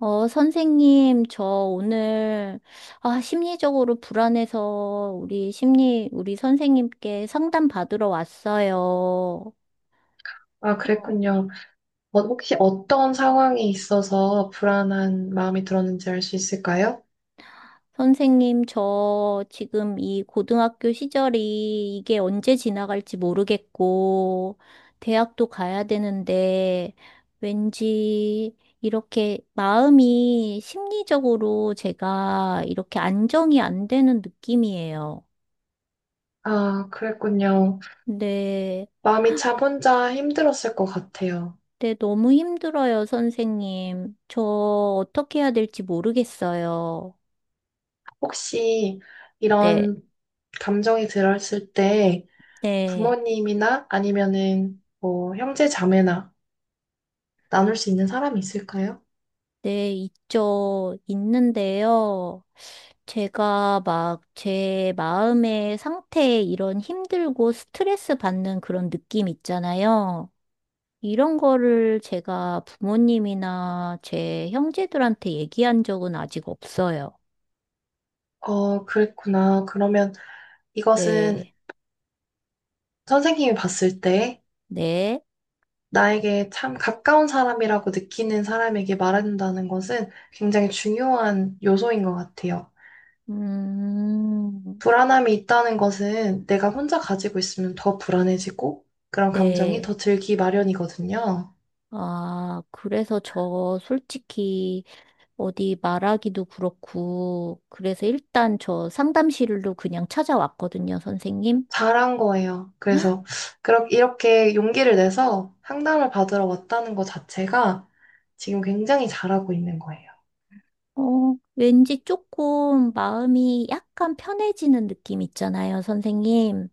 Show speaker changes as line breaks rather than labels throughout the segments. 어, 선생님, 저 오늘, 아, 심리적으로 불안해서 우리 선생님께 상담 받으러 왔어요.
아,
어,
그랬군요. 혹시 어떤 상황이 있어서 불안한 마음이 들었는지 알 수 있을까요?
선생님, 저 지금 이 고등학교 시절이 이게 언제 지나갈지 모르겠고, 대학도 가야 되는데, 왠지 이렇게 마음이 심리적으로 제가 이렇게 안정이 안 되는 느낌이에요.
아, 그랬군요.
네.
마음이 참 혼자 힘들었을 것 같아요.
네, 너무 힘들어요, 선생님. 저 어떻게 해야 될지 모르겠어요.
혹시
네,
이런 감정이 들었을 때
네,
부모님이나 아니면은 뭐 형제 자매나 나눌 수 있는 사람이 있을까요?
네, 있죠. 있는데요. 제가 막 제 마음의 상태에 이런 힘들고 스트레스 받는 그런 느낌 있잖아요. 이런 거를 제가 부모님이나 제 형제들한테 얘기한 적은 아직 없어요.
그랬구나. 그러면 이것은
네,
선생님이 봤을 때
네,
나에게 참 가까운 사람이라고 느끼는 사람에게 말한다는 것은 굉장히 중요한 요소인 것 같아요.
음,
불안함이 있다는 것은 내가 혼자 가지고 있으면 더 불안해지고 그런 감정이
네.
더 들기 마련이거든요.
아, 그래서 저 솔직히 어디 말하기도 그렇고, 그래서 일단 저 상담실로 그냥 찾아왔거든요, 선생님.
잘한 거예요. 그래서 그렇 이렇게 용기를 내서 상담을 받으러 왔다는 것 자체가 지금 굉장히 잘하고 있는 거예요.
어, 왠지 조금 마음이 약간 편해지는 느낌 있잖아요, 선생님.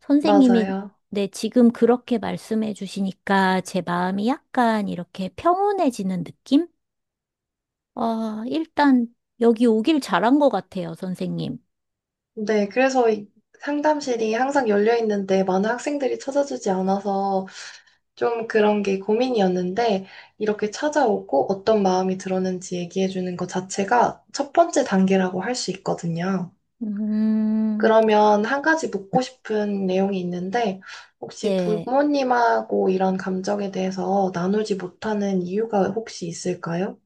선생님이
맞아요.
네, 지금 그렇게 말씀해 주시니까 제 마음이 약간 이렇게 평온해지는 느낌? 아, 일단 여기 오길 잘한 것 같아요, 선생님.
네, 그래서 이 상담실이 항상 열려 있는데 많은 학생들이 찾아주지 않아서 좀 그런 게 고민이었는데, 이렇게 찾아오고 어떤 마음이 들었는지 얘기해주는 것 자체가 첫 번째 단계라고 할 수 있거든요.
음,
그러면 한 가지 묻고 싶은 내용이 있는데, 혹시
네.
부모님하고 이런 감정에 대해서 나누지 못하는 이유가 혹시 있을까요?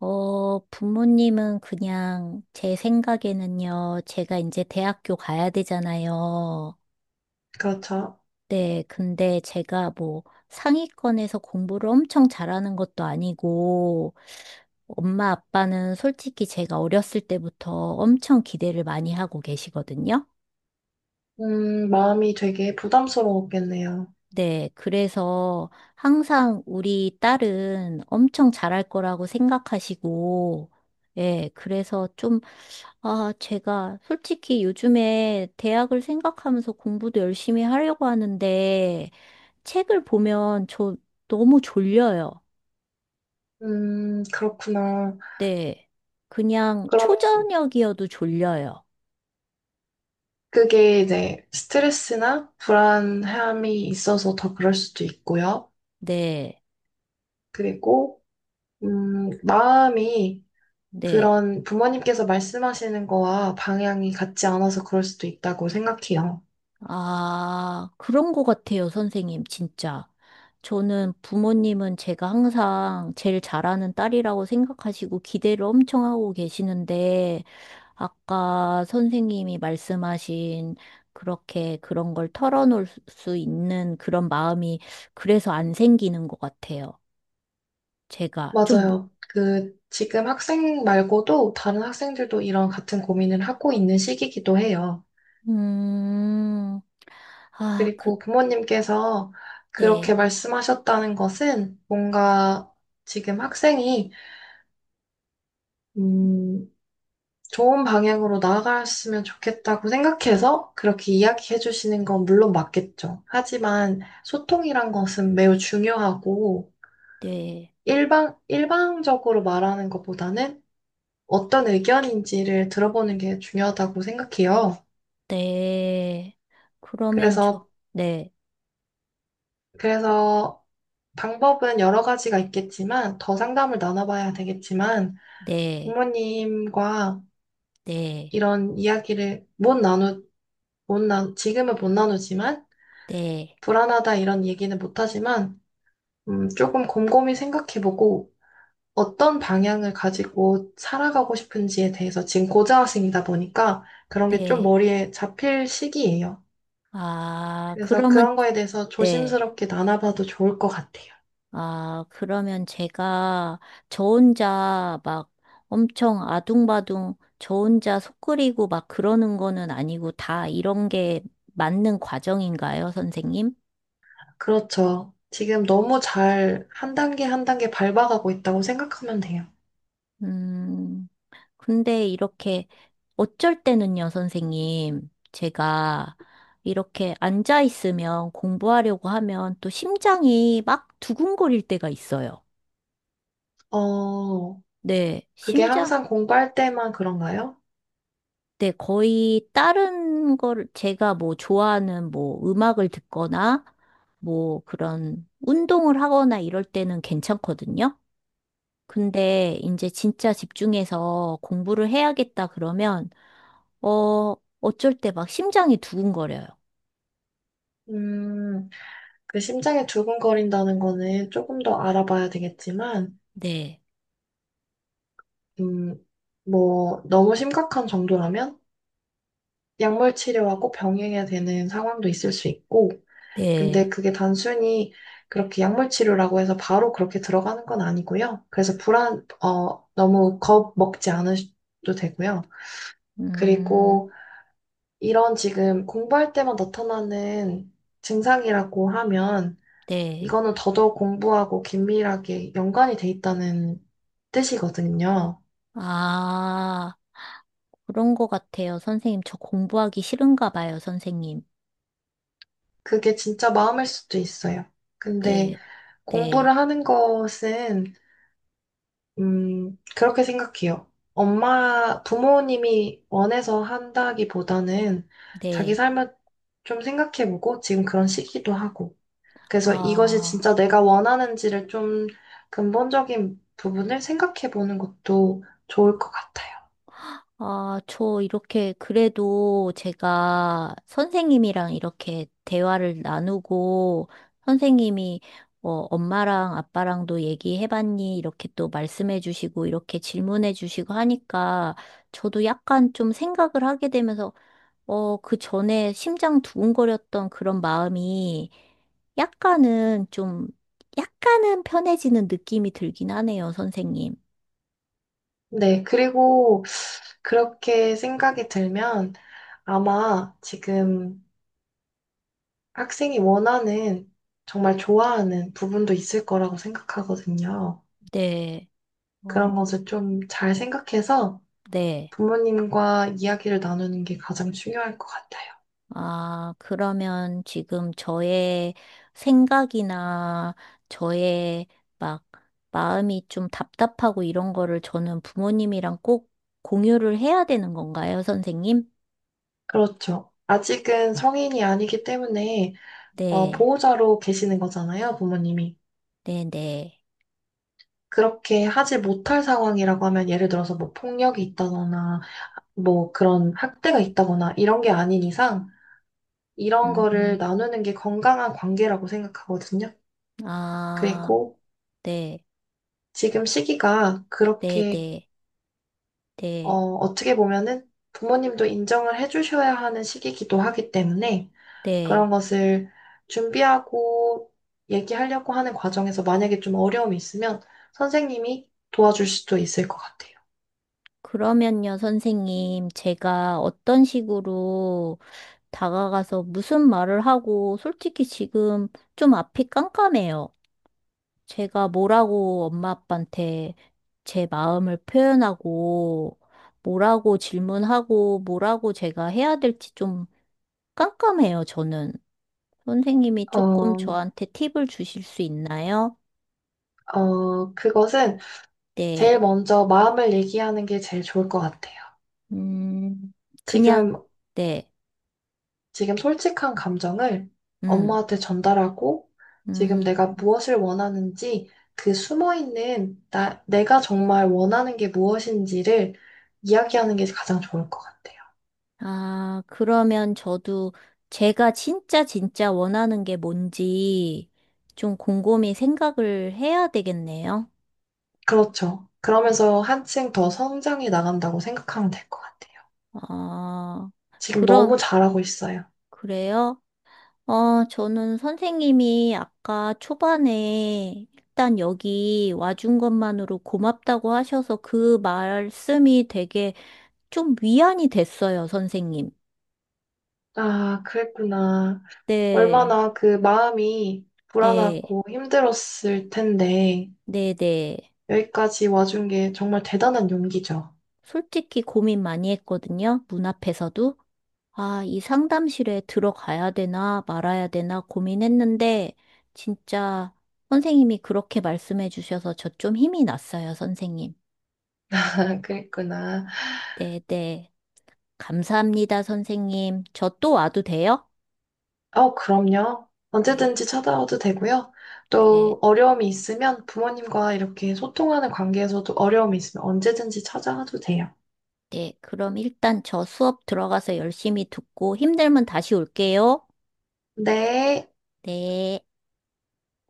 어, 부모님은 그냥 제 생각에는요, 제가 이제 대학교 가야 되잖아요.
그렇죠.
네, 근데 제가 뭐 상위권에서 공부를 엄청 잘하는 것도 아니고, 엄마 아빠는 솔직히 제가 어렸을 때부터 엄청 기대를 많이 하고 계시거든요.
마음이 되게 부담스러웠겠네요.
네, 그래서 항상 우리 딸은 엄청 잘할 거라고 생각하시고, 예, 그래서 좀 아, 제가 솔직히 요즘에 대학을 생각하면서 공부도 열심히 하려고 하는데 책을 보면 저 너무 졸려요.
그렇구나.
네. 그냥
그러면
초저녁이어도 졸려요.
그게 이제 스트레스나 불안함이 있어서 더 그럴 수도 있고요.
네.
그리고, 마음이
네.
그런 부모님께서 말씀하시는 거와 방향이 같지 않아서 그럴 수도 있다고 생각해요.
아, 그런 것 같아요, 선생님, 진짜. 저는 부모님은 제가 항상 제일 잘하는 딸이라고 생각하시고 기대를 엄청 하고 계시는데, 아까 선생님이 말씀하신 그렇게 그런 걸 털어놓을 수 있는 그런 마음이 그래서 안 생기는 것 같아요. 제가 좀,
맞아요. 그, 지금 학생 말고도 다른 학생들도 이런 같은 고민을 하고 있는 시기이기도 해요.
음, 아, 그,
그리고 부모님께서 그렇게
네,
말씀하셨다는 것은 뭔가 지금 학생이, 음, 좋은 방향으로 나아갔으면 좋겠다고 생각해서 그렇게 이야기해 주시는 건 물론 맞겠죠. 하지만 소통이란 것은 매우 중요하고
네,
일방적으로 말하는 것보다는 어떤 의견인지를 들어보는 게 중요하다고 생각해요.
네. 그러면 저,
그래서,
네,
그래서 방법은 여러 가지가 있겠지만 더 상담을 나눠봐야 되겠지만
네.
부모님과
네,
이런 이야기를 못 나, 지금은 못 나누지만
네,
불안하다 이런 얘기는 못하지만 조금 곰곰이 생각해보고 어떤 방향을 가지고 살아가고 싶은지에 대해서 지금 고등학생이다 보니까 그런 게 좀
네.
머리에 잡힐 시기예요.
아,
그래서
그러면,
그런 거에 대해서
네.
조심스럽게 나눠봐도 좋을 것 같아요.
아, 그러면 제가 저 혼자 막 엄청 아둥바둥 저 혼자 속 끓이고 막 그러는 거는 아니고 다 이런 게 맞는 과정인가요, 선생님?
그렇죠. 지금 너무 잘 한 단계 한 단계 밟아가고 있다고 생각하면 돼요.
음, 근데 이렇게 어쩔 때는요, 선생님. 제가 이렇게 앉아 있으면 공부하려고 하면 또 심장이 막 두근거릴 때가 있어요.
어,
네,
그게
심장,
항상 공부할 때만 그런가요?
네, 거의 다른 걸 제가 뭐 좋아하는 뭐 음악을 듣거나 뭐 그런 운동을 하거나 이럴 때는 괜찮거든요. 근데 이제 진짜 집중해서 공부를 해야겠다 그러면, 어, 어쩔 때 막 심장이 두근거려요.
음, 그 심장이 두근거린다는 거는 조금 더 알아봐야 되겠지만,
네,
음, 뭐, 너무 심각한 정도라면 약물 치료하고 병행해야 되는 상황도 있을 수 있고, 근데
네,
그게 단순히 그렇게 약물 치료라고 해서 바로 그렇게 들어가는 건 아니고요. 그래서 너무 겁 먹지 않으셔도 되고요.
음,
그리고 이런 지금 공부할 때만 나타나는 증상이라고 하면,
네.
이거는 더더욱 공부하고 긴밀하게 연관이 돼 있다는 뜻이거든요.
아, 그런 거 같아요, 선생님. 저 공부하기 싫은가 봐요, 선생님.
그게 진짜 마음일 수도 있어요. 근데
네, 네,
공부를 하는 것은, 그렇게 생각해요. 엄마, 부모님이 원해서 한다기보다는 자기
네.
삶을 좀 생각해보고 지금 그런 시기도 하고. 그래서 이것이
아,
진짜 내가 원하는지를 좀 근본적인 부분을 생각해보는 것도 좋을 것 같아요.
아, 저 이렇게 그래도 제가 선생님이랑 이렇게 대화를 나누고 선생님이 어, 엄마랑 아빠랑도 얘기해봤니? 이렇게 또 말씀해주시고 이렇게 질문해주시고 하니까 저도 약간 좀 생각을 하게 되면서 어, 그 전에 심장 두근거렸던 그런 마음이 약간은 좀 약간은 편해지는 느낌이 들긴 하네요, 선생님.
네, 그리고 그렇게 생각이 들면 아마 지금 학생이 원하는 정말 좋아하는 부분도 있을 거라고 생각하거든요.
네.
그런
어.
것을 좀 잘 생각해서
네.
부모님과 이야기를 나누는 게 가장 중요할 것 같아요.
아, 그러면 지금 저의 생각이나 저의 막 마음이 좀 답답하고 이런 거를 저는 부모님이랑 꼭 공유를 해야 되는 건가요, 선생님?
그렇죠. 아직은 성인이 아니기 때문에
네,
보호자로 계시는 거잖아요, 부모님이.
네, 네.
그렇게 하지 못할 상황이라고 하면 예를 들어서 뭐 폭력이 있다거나 뭐 그런 학대가 있다거나 이런 게 아닌 이상 이런 거를
음,
나누는 게 건강한 관계라고 생각하거든요.
아,
그리고
네,
지금 시기가
네,
그렇게
네, 네,
어떻게 보면은 부모님도 인정을 해주셔야 하는 시기이기도 하기 때문에
네.
그런 것을 준비하고 얘기하려고 하는 과정에서 만약에 좀 어려움이 있으면 선생님이 도와줄 수도 있을 것 같아요.
그러면요, 선생님, 제가 어떤 식으로 다가가서 무슨 말을 하고, 솔직히 지금 좀 앞이 깜깜해요. 제가 뭐라고 엄마 아빠한테 제 마음을 표현하고, 뭐라고 질문하고, 뭐라고 제가 해야 될지 좀 깜깜해요, 저는. 선생님이 조금
어,
저한테 팁을 주실 수 있나요?
그것은
네.
제일 먼저 마음을 얘기하는 게 제일 좋을 것 같아요.
음, 그냥,
지금
네.
지금 솔직한 감정을
음.
엄마한테 전달하고 지금
음.
내가 무엇을 원하는지 그 숨어있는 나, 내가 정말 원하는 게 무엇인지를 이야기하는 게 가장 좋을 것 같아요.
아, 그러면 저도 제가 진짜 원하는 게 뭔지 좀 곰곰이 생각을 해야 되겠네요.
그렇죠. 그러면서 한층 더 성장해 나간다고 생각하면 될 것 같아요.
아,
지금 너무
그럼,
잘하고 있어요.
그래요? 어, 저는 선생님이 아까 초반에 일단 여기 와준 것만으로 고맙다고 하셔서 그 말씀이 되게 좀 위안이 됐어요, 선생님.
아, 그랬구나.
네,
얼마나 그 마음이
네,
불안하고 힘들었을 텐데
네, 네.
여기까지 와준 게 정말 대단한 용기죠.
솔직히 고민 많이 했거든요. 문 앞에서도. 아, 이 상담실에 들어가야 되나 말아야 되나 고민했는데, 진짜 선생님이 그렇게 말씀해 주셔서 저 좀 힘이 났어요, 선생님.
그랬구나.
네, 네. 감사합니다, 선생님. 저 또 와도 돼요?
그럼요.
네,
언제든지 찾아와도 되고요. 또
네,
어려움이 있으면 부모님과 이렇게 소통하는 관계에서도 어려움이 있으면 언제든지 찾아와도 돼요.
네. 그럼 일단 저 수업 들어가서 열심히 듣고 힘들면 다시 올게요.
네.
네.